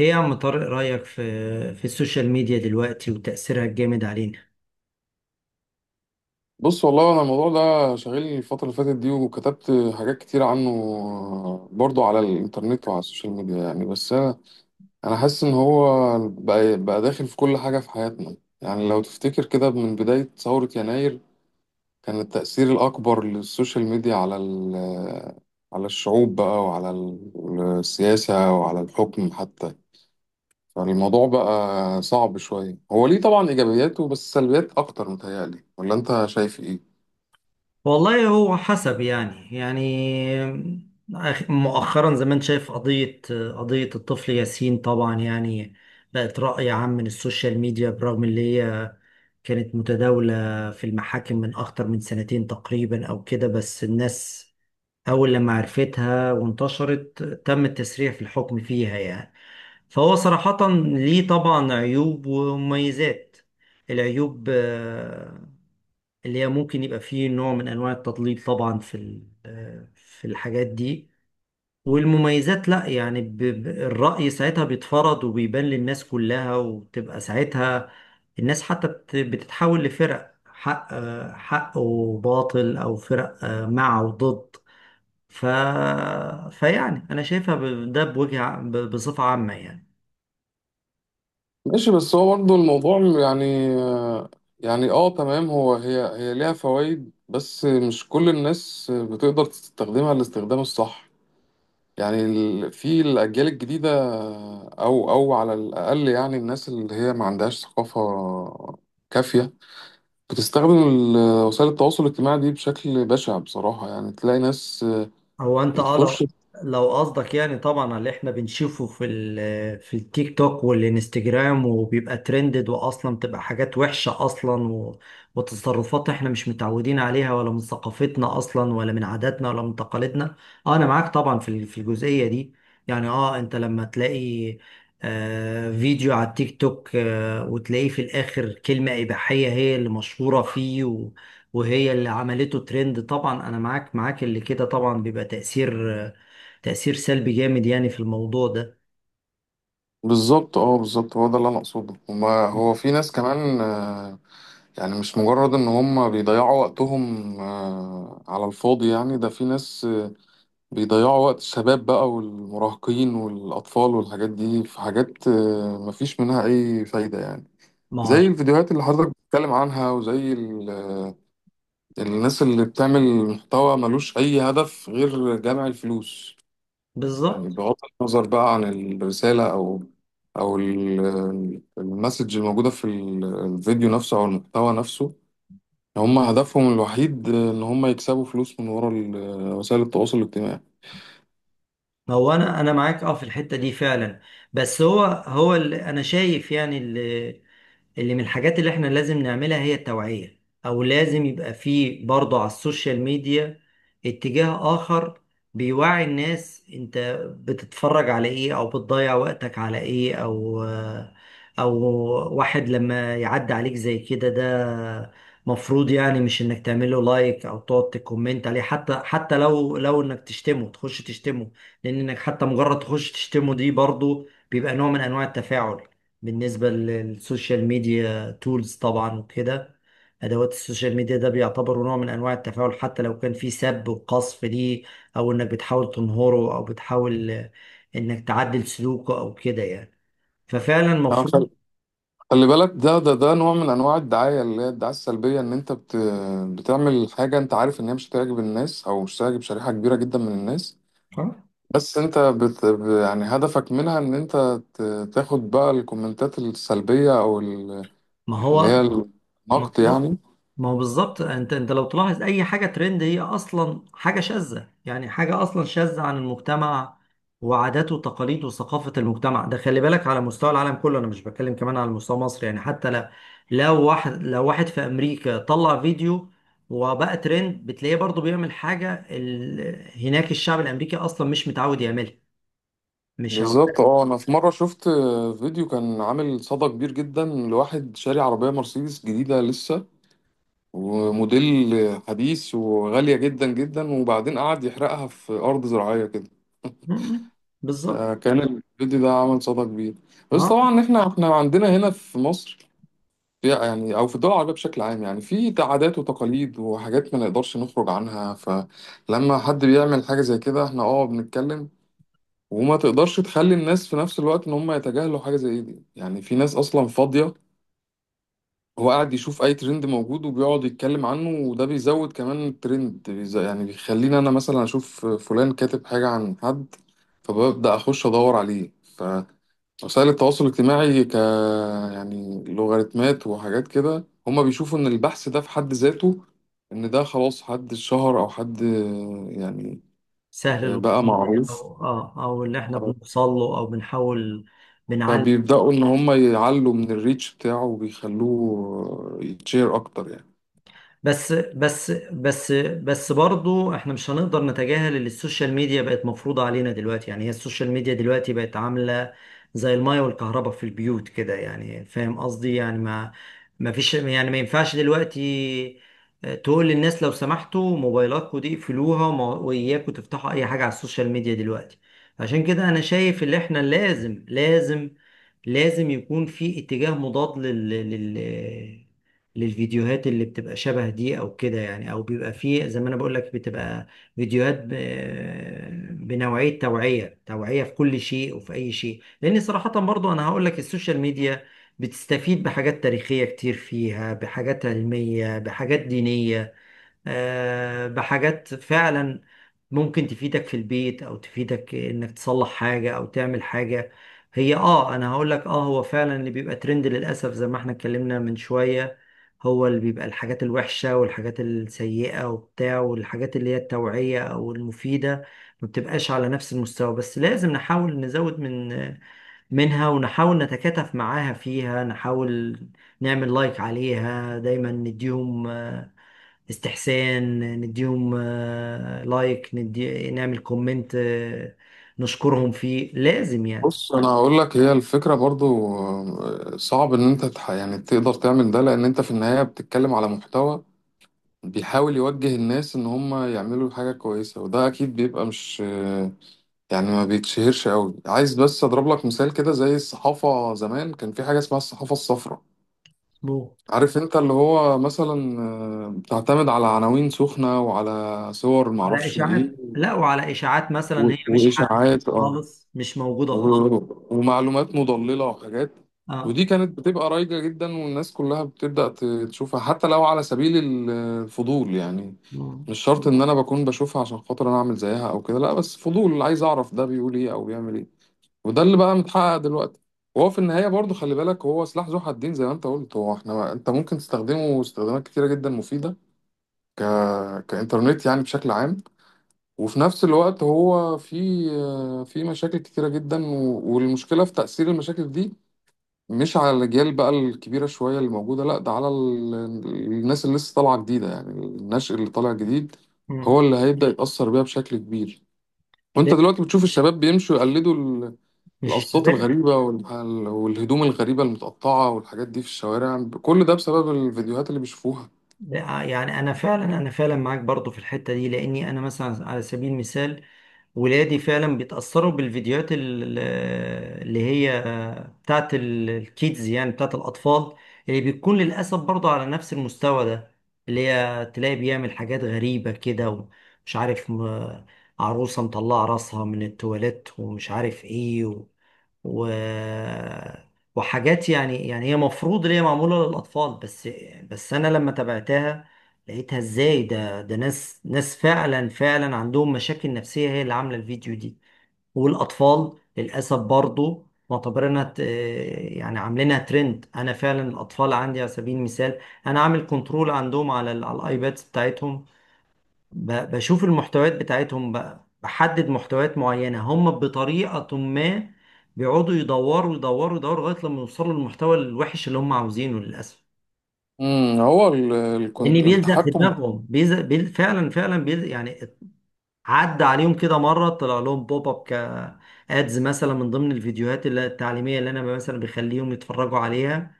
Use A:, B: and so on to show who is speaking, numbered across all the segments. A: ايه يا عم طارق، رأيك في السوشيال ميديا دلوقتي وتأثيرها الجامد علينا؟
B: بص والله انا الموضوع ده شاغلني الفترة اللي فاتت دي، وكتبت حاجات كتير عنه برضو على الانترنت وعلى السوشيال ميديا يعني. بس انا حاسس ان هو بقى داخل في كل حاجة في حياتنا. يعني لو تفتكر كده من بداية ثورة يناير، كان التأثير الأكبر للسوشيال ميديا على على الشعوب بقى، وعلى السياسة وعلى الحكم حتى. فالموضوع بقى صعب شوية، هو ليه طبعا إيجابياته بس سلبيات أكتر متهيألي، ولا أنت شايف إيه؟
A: والله هو حسب، يعني مؤخرا زي ما انت شايف قضية الطفل ياسين، طبعا يعني بقت رأي عام من السوشيال ميديا، برغم اللي هي كانت متداولة في المحاكم من أكتر من سنتين تقريبا أو كده. بس الناس أول لما عرفتها وانتشرت تم التسريع في الحكم فيها، يعني. فهو صراحة ليه طبعا عيوب ومميزات. العيوب اللي هي ممكن يبقى فيه نوع من أنواع التضليل طبعا في ال- آه، في الحاجات دي. والمميزات لأ، يعني الرأي ساعتها بيتفرض وبيبان للناس كلها، وتبقى ساعتها الناس حتى بتتحول لفرق حق، حق وباطل، أو فرق، مع وضد. ف... فيعني انا شايفها ب- ده بوجه ع- ب- بصفة عامة يعني.
B: ماشي، بس هو برضه الموضوع يعني. يعني اه تمام، هو هي ليها فوائد بس مش كل الناس بتقدر تستخدمها الاستخدام الصح. يعني في الأجيال الجديدة، أو على الأقل يعني الناس اللي هي ما عندهاش ثقافة كافية، بتستخدم وسائل التواصل الاجتماعي دي بشكل بشع بصراحة. يعني تلاقي ناس
A: هو انت
B: بتخش.
A: لو قصدك، يعني طبعا على اللي احنا بنشوفه في التيك توك والانستجرام، وبيبقى ترندد، واصلا بتبقى حاجات وحشة اصلا، وتصرفات احنا مش متعودين عليها، ولا من ثقافتنا اصلا، ولا من عاداتنا، ولا من تقاليدنا. اه انا معاك طبعا في الجزئية دي. يعني انت لما تلاقي فيديو على التيك توك، وتلاقيه في الاخر كلمة اباحية هي اللي مشهورة فيه، وهي اللي عملته ترند. طبعا انا معاك، اللي كده طبعا بيبقى تأثير، سلبي جامد يعني في الموضوع ده.
B: بالظبط، اه بالظبط، هو ده اللي أنا أقصده. وما هو في ناس كمان يعني مش مجرد ان هم بيضيعوا وقتهم على الفاضي. يعني ده في ناس بيضيعوا وقت الشباب بقى والمراهقين والاطفال والحاجات دي في حاجات مفيش منها اي فايدة يعني.
A: ما هو
B: زي
A: عش-
B: الفيديوهات اللي حضرتك بتتكلم عنها، وزي الناس اللي بتعمل محتوى ملوش اي هدف غير جمع الفلوس. يعني
A: بالظبط.
B: بغض النظر بقى عن الرسالة، او او المسج الموجودة في الفيديو نفسه او المحتوى نفسه. هم هدفهم الوحيد ان هم يكسبوا فلوس من ورا وسائل التواصل الاجتماعي.
A: ما هو انا، معاك في الحتة دي فعلا. بس هو اللي انا شايف، يعني اللي من الحاجات اللي احنا لازم نعملها هي التوعية. او لازم يبقى فيه برضه على السوشيال ميديا اتجاه اخر بيوعي الناس. انت بتتفرج على ايه، او بتضيع وقتك على ايه، او واحد لما يعدي عليك زي كده ده مفروض، يعني مش انك تعمله لايك او تقعد تكومنت عليه، حتى لو انك تشتمه تخش تشتمه. لان انك حتى مجرد تخش تشتمه دي برضه بيبقى نوع من انواع التفاعل بالنسبة للسوشيال ميديا تولز طبعا، وكده. أدوات السوشيال ميديا ده بيعتبر نوع من أنواع التفاعل، حتى لو كان في سب وقصف ليه، أو إنك بتحاول تنهره، أو بتحاول، إنك تعدل سلوكه أو كده يعني. ففعلا
B: آه،
A: المفروض.
B: خل- خلي بالك، ده نوع من انواع الدعايه اللي هي الدعايه السلبيه. ان انت بتعمل حاجه انت عارف ان هي مش هتعجب الناس، او مش هتعجب شريحه كبيره جدا من الناس.
A: اه،
B: بس انت يعني هدفك منها ان انت تاخد بقى الكومنتات السلبيه، او
A: ما
B: اللي هي
A: هو ما
B: النقد
A: هو
B: يعني.
A: ما هو بالظبط. انت لو تلاحظ اي حاجه ترند هي اصلا حاجه شاذه، يعني حاجه اصلا شاذه عن المجتمع وعاداته وتقاليده وثقافه المجتمع ده. خلي بالك على مستوى العالم كله، انا مش بتكلم كمان على مستوى مصر يعني، حتى لا. لو واحد في امريكا طلع فيديو وبقى ترند، بتلاقيه برضه بيعمل حاجه هناك الشعب الامريكي اصلا مش متعود يعملها. مش هقول
B: بالظبط،
A: لك.
B: اه انا في مره شفت فيديو كان عامل صدى كبير جدا، لواحد شاري عربيه مرسيدس جديده لسه وموديل حديث، وغالية جدا جدا، وبعدين قعد يحرقها في أرض زراعية كده.
A: م. بالظبط.
B: فكان الفيديو ده عمل صدى كبير. بس
A: اه
B: طبعا احنا عندنا هنا في مصر في- يعني او في الدول العربية بشكل عام، يعني في عادات وتقاليد وحاجات ما نقدرش نخرج عنها. فلما حد بيعمل حاجة زي كده احنا اه بنتكلم. وما تقدرش تخلي الناس في نفس الوقت ان هم يتجاهلوا حاجة زي دي. يعني في ناس اصلا فاضية، هو قاعد يشوف اي ترند موجود وبيقعد يتكلم عنه، وده بيزود كمان الترند يعني بيخليني انا مثلا اشوف فلان كاتب حاجة عن حد، فببدأ اخش ادور عليه. فوسائل التواصل الاجتماعي يعني لوغاريتمات وحاجات كده، هما بيشوفوا ان البحث ده في حد ذاته، ان ده خلاص حد شهر او حد يعني
A: سهل
B: بقى
A: الوصول ليه،
B: معروف.
A: او اللي احنا بنوصل له، او بنحاول بنعلي.
B: فبيبدأوا ان هما يعلوا من الريتش بتاعه وبيخلوه يتشير اكتر يعني.
A: بس بس بس بس برضو احنا مش هنقدر نتجاهل اللي السوشيال ميديا بقت مفروضة علينا دلوقتي. يعني هي السوشيال ميديا دلوقتي بقت عاملة زي المية والكهرباء في البيوت كده، يعني فاهم قصدي. يعني ما فيش، يعني ما ينفعش دلوقتي اه، تقول للناس لو سمحتوا موبايلاتكم دي اقفلوها، واياكوا تفتحوا اي حاجة على السوشيال ميديا دلوقتي. عشان كده انا شايف اللي احنا لازم يكون في اتجاه مضاد لل لل للفيديوهات اللي بتبقى شبه دي او كده، يعني او بيبقى فيه زي ما انا بقول لك، بتبقى فيديوهات بنوعية توعية، توعية في كل شيء وفي اي شيء. لان صراحة برضو انا هقول لك السوشيال ميديا بتستفيد بحاجات تاريخية كتير فيها، بحاجات علمية، بحاجات دينية، بحاجات فعلا ممكن تفيدك في البيت، او تفيدك انك تصلح حاجة او تعمل حاجة. هي انا هقول لك، هو فعلا اللي بيبقى ترند للاسف زي ما احنا اتكلمنا من شوية، هو اللي بيبقى الحاجات الوحشة والحاجات السيئة وبتاع، والحاجات اللي هي التوعية او المفيدة ما بتبقاش على نفس المستوى. بس لازم نحاول نزود منها، ونحاول نتكاتف معاها فيها، نحاول نعمل لايك عليها دايما، نديهم استحسان، نديهم لايك، ندي نعمل كومنت، نشكرهم فيه، لازم يعني.
B: بص انا هقول لك، هي الفكره برضو صعب ان انت يعني تقدر تعمل ده، لان انت في النهايه بتتكلم على محتوى بيحاول يوجه الناس ان هم يعملوا حاجه كويسه، وده اكيد بيبقى مش يعني ما بيتشهرش قوي. عايز بس اضرب لك مثال كده، زي الصحافه زمان كان في حاجه اسمها الصحافه الصفراء،
A: مظبوط.
B: عارف، انت اللي هو مثلا بتعتمد على عناوين سخنه وعلى صور
A: على
B: معرفش ايه،
A: اشاعات، لا، وعلى اشاعات مثلا هي مش حقيقيه
B: واشاعات اه،
A: خالص، مش موجوده خالص.
B: ومعلومات مضللة وحاجات. ودي
A: اه.
B: كانت بتبقى رايجة جدا، والناس كلها بتبدأ تشوفها حتى لو على سبيل الفضول يعني.
A: مم.
B: مش شرط ان انا بكون بشوفها عشان خاطر انا اعمل زيها او كده، لا بس فضول عايز اعرف ده بيقول ايه او بيعمل ايه. وده اللي بقى متحقق دلوقتي. وهو في النهاية برضو خلي بالك، هو سلاح ذو حدين زي ما انت قلت. هو احنا انت ممكن تستخدمه استخدامات كتيرة جدا مفيدة، ك... كإنترنت يعني بشكل عام. وفي نفس الوقت هو في في مشاكل كتيرة جدا، والمشكلة في تأثير المشاكل دي مش على الأجيال بقى الكبيرة شوية اللي موجودة، لأ ده على الناس اللي لسه طالعة جديدة، يعني النشء اللي طالع جديد هو
A: مم.
B: اللي هيبدأ يتأثر بيها بشكل كبير. وأنت
A: ليه؟
B: دلوقتي بتشوف الشباب بيمشوا يقلدوا
A: مش
B: القصات
A: الشباب.
B: الغريبة، والهدوم الغريبة المتقطعة والحاجات دي في الشوارع. كل ده بسبب الفيديوهات اللي بيشوفوها.
A: يعني انا فعلا، معاك برضو في الحته دي، لاني انا مثلا على سبيل المثال ولادي فعلا بيتاثروا بالفيديوهات اللي هي بتاعت الكيدز، يعني بتاعت الاطفال، اللي بتكون للاسف برضو على نفس المستوى ده، اللي هي تلاقي بيعمل حاجات غريبه كده، ومش عارف، عروسه مطلعه راسها من التواليت، ومش عارف ايه، و... وحاجات، يعني هي مفروض اللي هي معمولة للأطفال بس. بس أنا لما تابعتها لقيتها إزاي، ده ناس ناس فعلا فعلا عندهم مشاكل نفسية هي اللي عاملة الفيديو دي. والأطفال للأسف برضو معتبرينها، يعني عاملينها ترند. أنا فعلا الأطفال عندي على سبيل المثال أنا عامل كنترول عندهم على الآيبادز بتاعتهم، بشوف المحتويات بتاعتهم بقى، بحدد محتويات معينة. هم بطريقة ما بيقعدوا يدوروا يدوروا يدوروا لغاية لما يوصلوا للمحتوى الوحش اللي هم عاوزينه للأسف، لأن بيلزق في
B: التحكم.
A: دماغهم، بيلزق، فعلا فعلا بيلزق يعني. عدى عليهم كده مرة طلع لهم بوب اب كادز مثلا من ضمن الفيديوهات التعليمية اللي أنا مثلا بخليهم يتفرجوا عليها،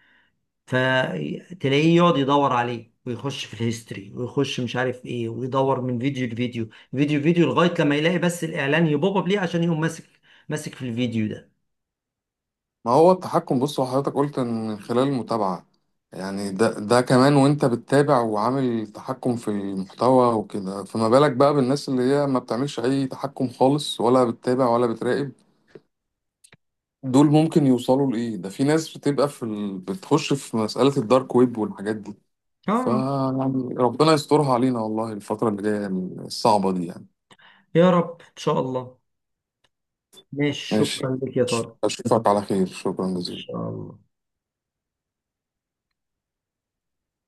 A: فتلاقيه يقعد يدور عليه ويخش في الهيستوري ويخش مش عارف ايه، ويدور من فيديو لفيديو، فيديو لفيديو لغايه لما يلاقي بس الاعلان يبوب اب ليه، عشان يقوم ماسك في الفيديو ده.
B: ما هو التحكم، بص هو حضرتك قلت ان من خلال المتابعة، يعني ده كمان وانت بتتابع وعامل تحكم في المحتوى وكده، فما بالك بقى بالناس اللي هي ما بتعملش اي تحكم خالص، ولا بتتابع ولا بتراقب؟ دول ممكن يوصلوا لايه؟ ده في ناس بتبقى في ال... بتخش في مسألة الدارك ويب والحاجات دي.
A: اه.
B: فيعني ربنا يسترها علينا والله الفترة اللي جاية الصعبة دي يعني.
A: يا رب ان شاء الله. ماشي،
B: ماشي،
A: شكرا لك يا طارق.
B: اشوفك على خير، شكرا
A: ان شاء
B: جزيلا.
A: الله.